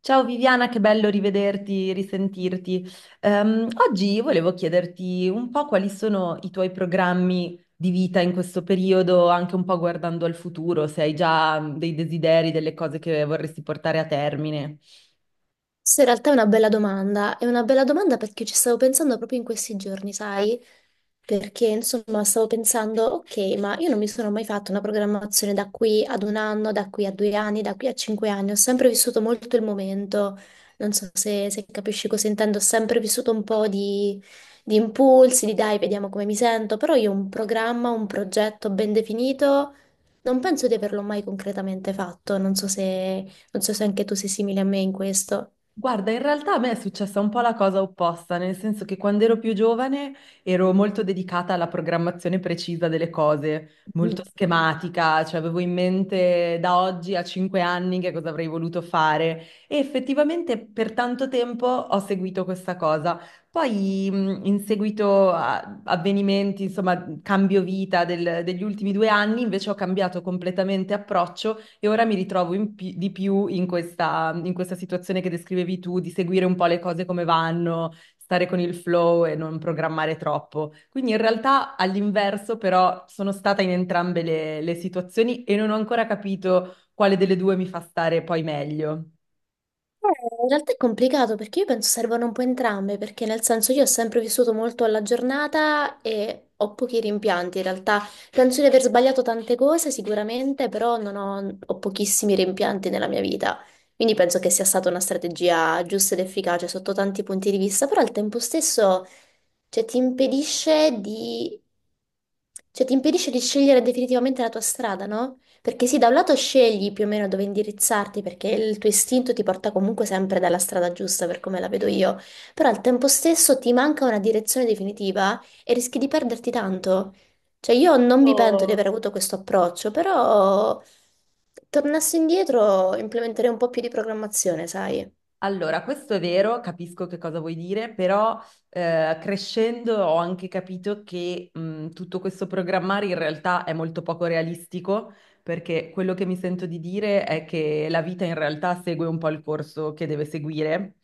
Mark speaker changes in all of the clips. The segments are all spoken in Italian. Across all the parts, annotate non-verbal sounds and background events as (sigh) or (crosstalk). Speaker 1: Ciao Viviana, che bello rivederti, risentirti. Oggi volevo chiederti un po' quali sono i tuoi programmi di vita in questo periodo, anche un po' guardando al futuro, se hai già dei desideri, delle cose che vorresti portare a termine.
Speaker 2: Questa in realtà è una bella domanda, è una bella domanda perché ci stavo pensando proprio in questi giorni, sai? Perché insomma stavo pensando, ok, ma io non mi sono mai fatto una programmazione da qui ad un anno, da qui a 2 anni, da qui a 5 anni, ho sempre vissuto molto il momento, non so se capisci cosa intendo, ho sempre vissuto un po' di impulsi, di dai, vediamo come mi sento, però io un programma, un progetto ben definito, non penso di averlo mai concretamente fatto, non so se anche tu sei simile a me in questo.
Speaker 1: Guarda, in realtà a me è successa un po' la cosa opposta, nel senso che quando ero più giovane ero molto dedicata alla programmazione precisa delle cose, molto
Speaker 2: Mm.
Speaker 1: schematica, cioè avevo in mente da oggi a cinque anni che cosa avrei voluto fare e effettivamente per tanto tempo ho seguito questa cosa. Poi in seguito a avvenimenti, insomma, cambio vita degli ultimi due anni, invece ho cambiato completamente approccio e ora mi ritrovo di più in questa situazione che descrivevi tu, di seguire un po' le cose come vanno, stare con il flow e non programmare troppo. Quindi in realtà all'inverso, però, sono stata in entrambe le situazioni e non ho ancora capito quale delle due mi fa stare poi meglio.
Speaker 2: Eh, In realtà è complicato perché io penso servano un po' entrambe, perché nel senso io ho sempre vissuto molto alla giornata e ho pochi rimpianti in realtà. Penso di aver sbagliato tante cose sicuramente, però non ho, ho pochissimi rimpianti nella mia vita. Quindi penso che sia stata una strategia giusta ed efficace sotto tanti punti di vista, però al tempo stesso, cioè, ti impedisce di, cioè, ti impedisce di scegliere definitivamente la tua strada, no? Perché sì, da un lato scegli più o meno dove indirizzarti, perché il tuo istinto ti porta comunque sempre dalla strada giusta, per come la vedo io, però al tempo stesso ti manca una direzione definitiva e rischi di perderti tanto. Cioè, io non mi pento di aver avuto questo approccio, però tornassi indietro implementerei un po' più di programmazione, sai?
Speaker 1: Allora, questo è vero, capisco che cosa vuoi dire, però crescendo ho anche capito che tutto questo programmare in realtà è molto poco realistico, perché quello che mi sento di dire è che la vita in realtà segue un po' il corso che deve seguire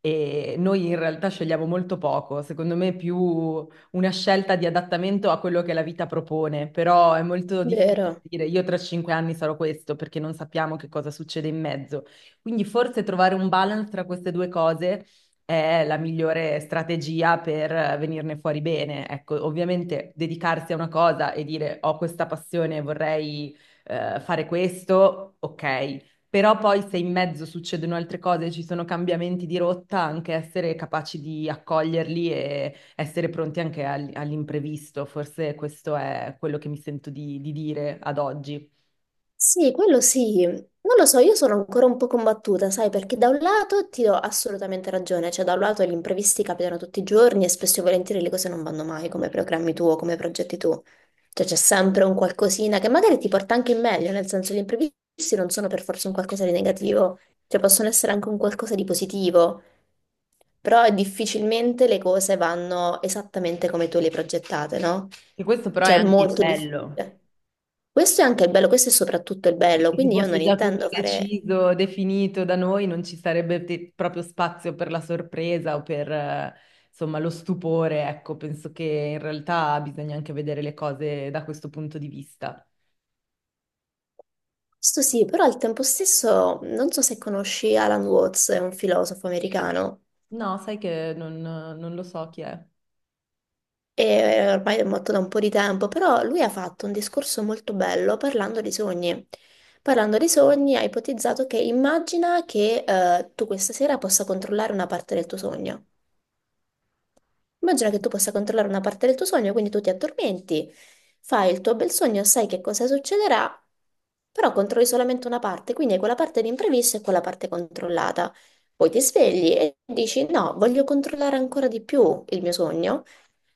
Speaker 1: e noi in realtà scegliamo molto poco, secondo me è più una scelta di adattamento a quello che la vita propone, però è molto difficile
Speaker 2: Vero.
Speaker 1: dire io tra cinque anni sarò questo perché non sappiamo che cosa succede in mezzo. Quindi forse trovare un balance tra queste due cose è la migliore strategia per venirne fuori bene. Ecco, ovviamente dedicarsi a una cosa e dire ho questa passione, vorrei fare questo, ok, però poi se in mezzo succedono altre cose, ci sono cambiamenti di rotta, anche essere capaci di accoglierli e essere pronti anche all'imprevisto. Forse questo è quello che mi sento di dire ad oggi.
Speaker 2: Sì, quello sì. Non lo so, io sono ancora un po' combattuta, sai, perché da un lato ti do assolutamente ragione, cioè da un lato gli imprevisti capitano tutti i giorni e spesso e volentieri le cose non vanno mai come programmi tu o come progetti tu. Cioè c'è sempre un qualcosina che magari ti porta anche in meglio, nel senso gli imprevisti non sono per forza un qualcosa di negativo, cioè possono essere anche un qualcosa di positivo. Però difficilmente le cose vanno esattamente come tu le hai progettate, no?
Speaker 1: E questo però è
Speaker 2: Cioè, è
Speaker 1: anche il
Speaker 2: molto
Speaker 1: bello,
Speaker 2: difficile. Questo è anche il bello, questo è soprattutto il bello,
Speaker 1: perché se
Speaker 2: quindi io
Speaker 1: fosse
Speaker 2: non
Speaker 1: già tutto
Speaker 2: intendo fare...
Speaker 1: deciso, definito da noi, non ci sarebbe proprio spazio per la sorpresa o per, insomma, lo stupore. Ecco, penso che in realtà bisogna anche vedere le cose da questo punto di vista.
Speaker 2: Questo sì, però al tempo stesso non so se conosci Alan Watts, è un filosofo americano,
Speaker 1: No, sai che non lo so chi è.
Speaker 2: e ormai è morto da un po' di tempo, però lui ha fatto un discorso molto bello parlando di sogni. Parlando di sogni, ha ipotizzato che immagina che tu questa sera possa controllare una parte del tuo sogno. Immagina che tu possa controllare una parte del tuo sogno, quindi tu ti addormenti, fai il tuo bel sogno, sai che cosa succederà, però controlli solamente una parte, quindi hai quella parte di imprevisto e quella parte controllata. Poi ti svegli e dici no, voglio controllare ancora di più il mio sogno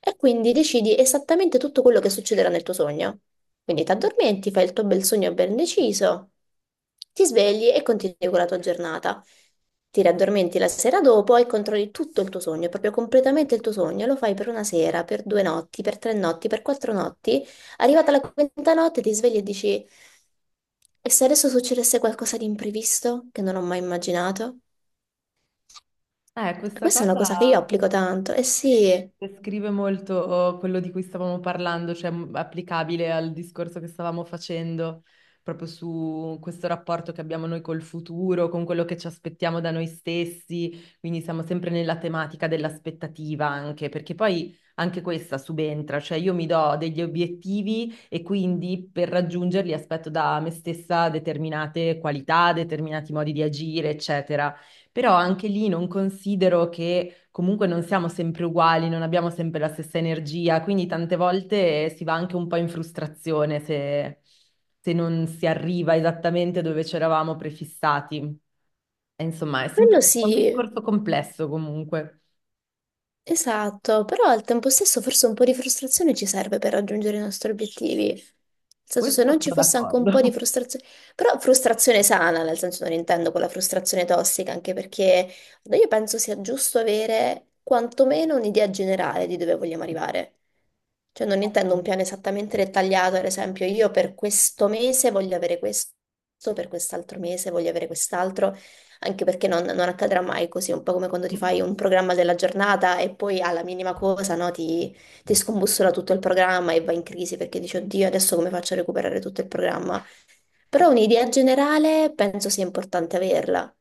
Speaker 2: e quindi decidi esattamente tutto quello che succederà nel tuo sogno. Quindi ti addormenti, fai il tuo bel sogno ben deciso, ti svegli e continui con la tua giornata. Ti raddormenti la sera dopo e controlli tutto il tuo sogno, proprio completamente il tuo sogno. Lo fai per una sera, per 2 notti, per 3 notti, per 4 notti. Arrivata la quinta notte ti svegli e dici: e se adesso succedesse qualcosa di imprevisto che non ho mai immaginato? E
Speaker 1: Questa
Speaker 2: questa è una
Speaker 1: cosa
Speaker 2: cosa che io applico tanto. Eh sì,
Speaker 1: descrive molto quello di cui stavamo parlando, cioè applicabile al discorso che stavamo facendo, proprio su questo rapporto che abbiamo noi col futuro, con quello che ci aspettiamo da noi stessi, quindi siamo sempre nella tematica dell'aspettativa anche, perché poi anche questa subentra, cioè io mi do degli obiettivi e quindi per raggiungerli aspetto da me stessa determinate qualità, determinati modi di agire, eccetera. Però anche lì non considero che comunque non siamo sempre uguali, non abbiamo sempre la stessa energia, quindi tante volte si va anche un po' in frustrazione se, se non si arriva esattamente dove c'eravamo prefissati. E insomma, è sempre
Speaker 2: quello
Speaker 1: è un
Speaker 2: sì.
Speaker 1: discorso complesso comunque.
Speaker 2: Esatto, però al tempo stesso forse un po' di frustrazione ci serve per raggiungere i nostri obiettivi. Nel senso,
Speaker 1: Questo
Speaker 2: se non ci
Speaker 1: sono
Speaker 2: fosse anche un po' di
Speaker 1: d'accordo.
Speaker 2: frustrazione, però frustrazione sana, nel senso non intendo quella frustrazione tossica, anche perché io penso sia giusto avere quantomeno un'idea generale di dove vogliamo arrivare. Cioè non intendo un piano esattamente dettagliato, ad esempio io per questo mese voglio avere questo, per quest'altro mese voglio avere quest'altro anche perché non, non accadrà mai così, un po' come quando ti fai un programma della giornata e poi alla minima cosa, no, ti scombussola tutto il programma e vai in crisi perché dici, oddio, adesso come faccio a recuperare tutto il programma? Però
Speaker 1: (laughs)
Speaker 2: un'idea generale penso sia importante averla,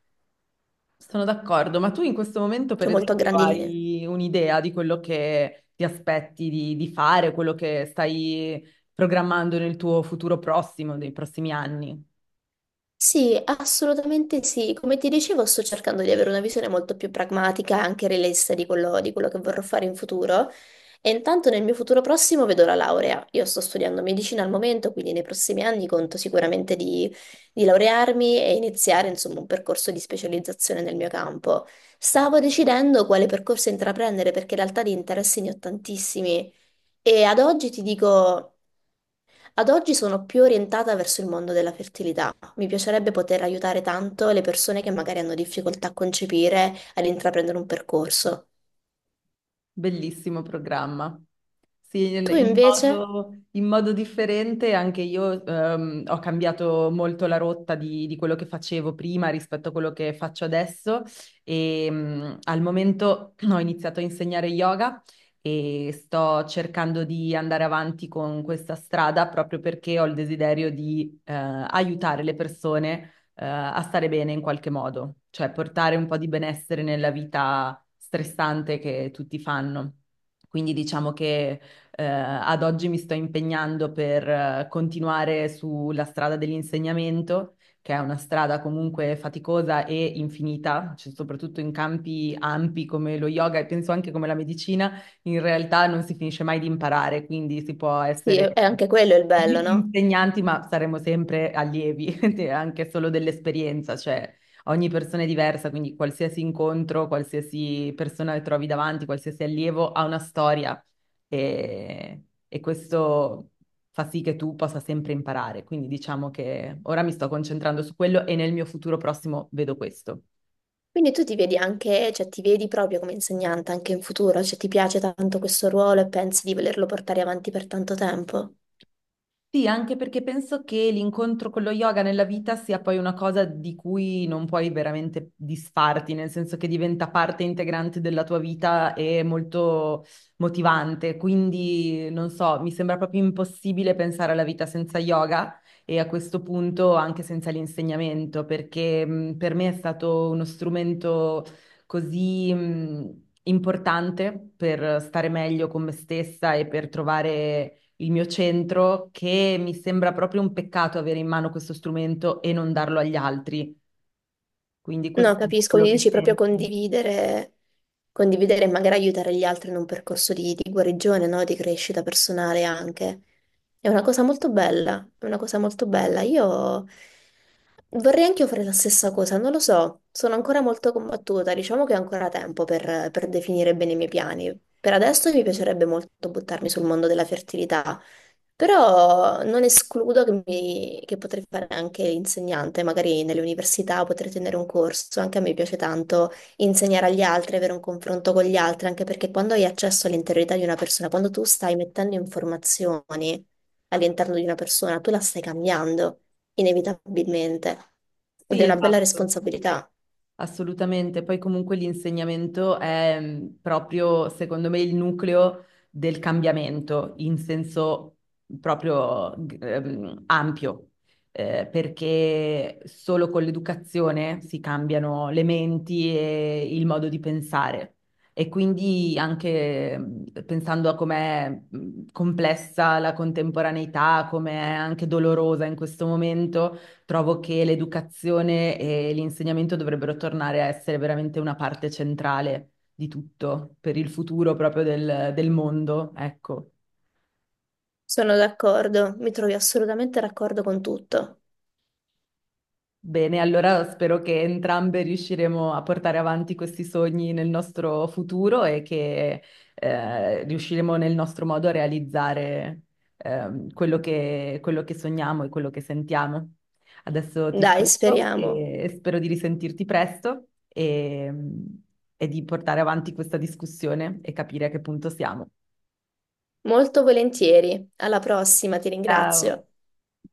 Speaker 1: Sono d'accordo, ma tu in questo momento, per
Speaker 2: cioè molto a
Speaker 1: esempio,
Speaker 2: grandi linee.
Speaker 1: hai un'idea di quello che ti aspetti di fare, quello che stai programmando nel tuo futuro prossimo, nei prossimi anni?
Speaker 2: Sì, assolutamente sì. Come ti dicevo, sto cercando di avere una visione molto più pragmatica e anche realista di quello che vorrò fare in futuro. E intanto nel mio futuro prossimo vedo la laurea. Io sto studiando medicina al momento, quindi nei prossimi anni conto sicuramente di laurearmi e iniziare, insomma, un percorso di specializzazione nel mio campo. Stavo decidendo quale percorso intraprendere perché in realtà di interessi ne ho tantissimi. E ad oggi ti dico. Ad oggi sono più orientata verso il mondo della fertilità. Mi piacerebbe poter aiutare tanto le persone che magari hanno difficoltà a concepire, ad intraprendere un percorso.
Speaker 1: Bellissimo programma. Sì,
Speaker 2: Tu invece?
Speaker 1: in modo differente anche io ho cambiato molto la rotta di quello che facevo prima rispetto a quello che faccio adesso e al momento (clears throat) ho iniziato a insegnare yoga e sto cercando di andare avanti con questa strada proprio perché ho il desiderio di aiutare le persone a stare bene in qualche modo, cioè portare un po' di benessere nella vita stressante che tutti fanno. Quindi diciamo che ad oggi mi sto impegnando per continuare sulla strada dell'insegnamento, che è una strada comunque faticosa e infinita, cioè soprattutto in campi ampi come lo yoga e penso anche come la medicina, in realtà non si finisce mai di imparare, quindi si può
Speaker 2: Sì,
Speaker 1: essere
Speaker 2: è anche quello il bello, no?
Speaker 1: insegnanti, ma saremo sempre allievi, (laughs) anche solo dell'esperienza, cioè ogni persona è diversa, quindi qualsiasi incontro, qualsiasi persona che trovi davanti, qualsiasi allievo ha una storia e questo fa sì che tu possa sempre imparare. Quindi diciamo che ora mi sto concentrando su quello e nel mio futuro prossimo vedo questo.
Speaker 2: Quindi tu ti vedi anche, cioè ti vedi proprio come insegnante anche in futuro, cioè ti piace tanto questo ruolo e pensi di volerlo portare avanti per tanto tempo?
Speaker 1: Sì, anche perché penso che l'incontro con lo yoga nella vita sia poi una cosa di cui non puoi veramente disfarti, nel senso che diventa parte integrante della tua vita e molto motivante. Quindi, non so, mi sembra proprio impossibile pensare alla vita senza yoga e a questo punto anche senza l'insegnamento, perché per me è stato uno strumento così importante per stare meglio con me stessa e per trovare il mio centro, che mi sembra proprio un peccato avere in mano questo strumento e non darlo agli altri. Quindi questo
Speaker 2: No,
Speaker 1: è un po'
Speaker 2: capisco,
Speaker 1: quello
Speaker 2: quindi
Speaker 1: che
Speaker 2: dici proprio
Speaker 1: sento.
Speaker 2: condividere, condividere e magari aiutare gli altri in un percorso di guarigione, no? Di crescita personale anche. È una cosa molto bella, è una cosa molto bella. Io vorrei anche io fare la stessa cosa, non lo so, sono ancora molto combattuta, diciamo che ho ancora tempo per definire bene i miei piani. Per adesso mi piacerebbe molto buttarmi sul mondo della fertilità, però non escludo che, che potrei fare anche insegnante, magari nelle università potrei tenere un corso, anche a me piace tanto insegnare agli altri, avere un confronto con gli altri, anche perché quando hai accesso all'interiorità di una persona, quando tu stai mettendo informazioni all'interno di una persona, tu la stai cambiando inevitabilmente ed
Speaker 1: Sì,
Speaker 2: è una bella
Speaker 1: esatto.
Speaker 2: responsabilità.
Speaker 1: Assolutamente, poi comunque l'insegnamento è proprio, secondo me, il nucleo del cambiamento in senso proprio ampio, perché solo con l'educazione si cambiano le menti e il modo di pensare. E quindi anche pensando a com'è complessa la contemporaneità, com'è anche dolorosa in questo momento trovo che l'educazione e l'insegnamento dovrebbero tornare a essere veramente una parte centrale di tutto per il futuro proprio del mondo, ecco.
Speaker 2: Sono d'accordo, mi trovi assolutamente d'accordo con tutto.
Speaker 1: Bene, allora spero che entrambe riusciremo a portare avanti questi sogni nel nostro futuro e che riusciremo nel nostro modo a realizzare quello che sogniamo e quello che sentiamo. Adesso ti
Speaker 2: Dai,
Speaker 1: saluto
Speaker 2: speriamo.
Speaker 1: e spero di risentirti presto e di portare avanti questa discussione e capire a che punto siamo.
Speaker 2: Molto volentieri. Alla prossima, ti
Speaker 1: Ciao!
Speaker 2: ringrazio.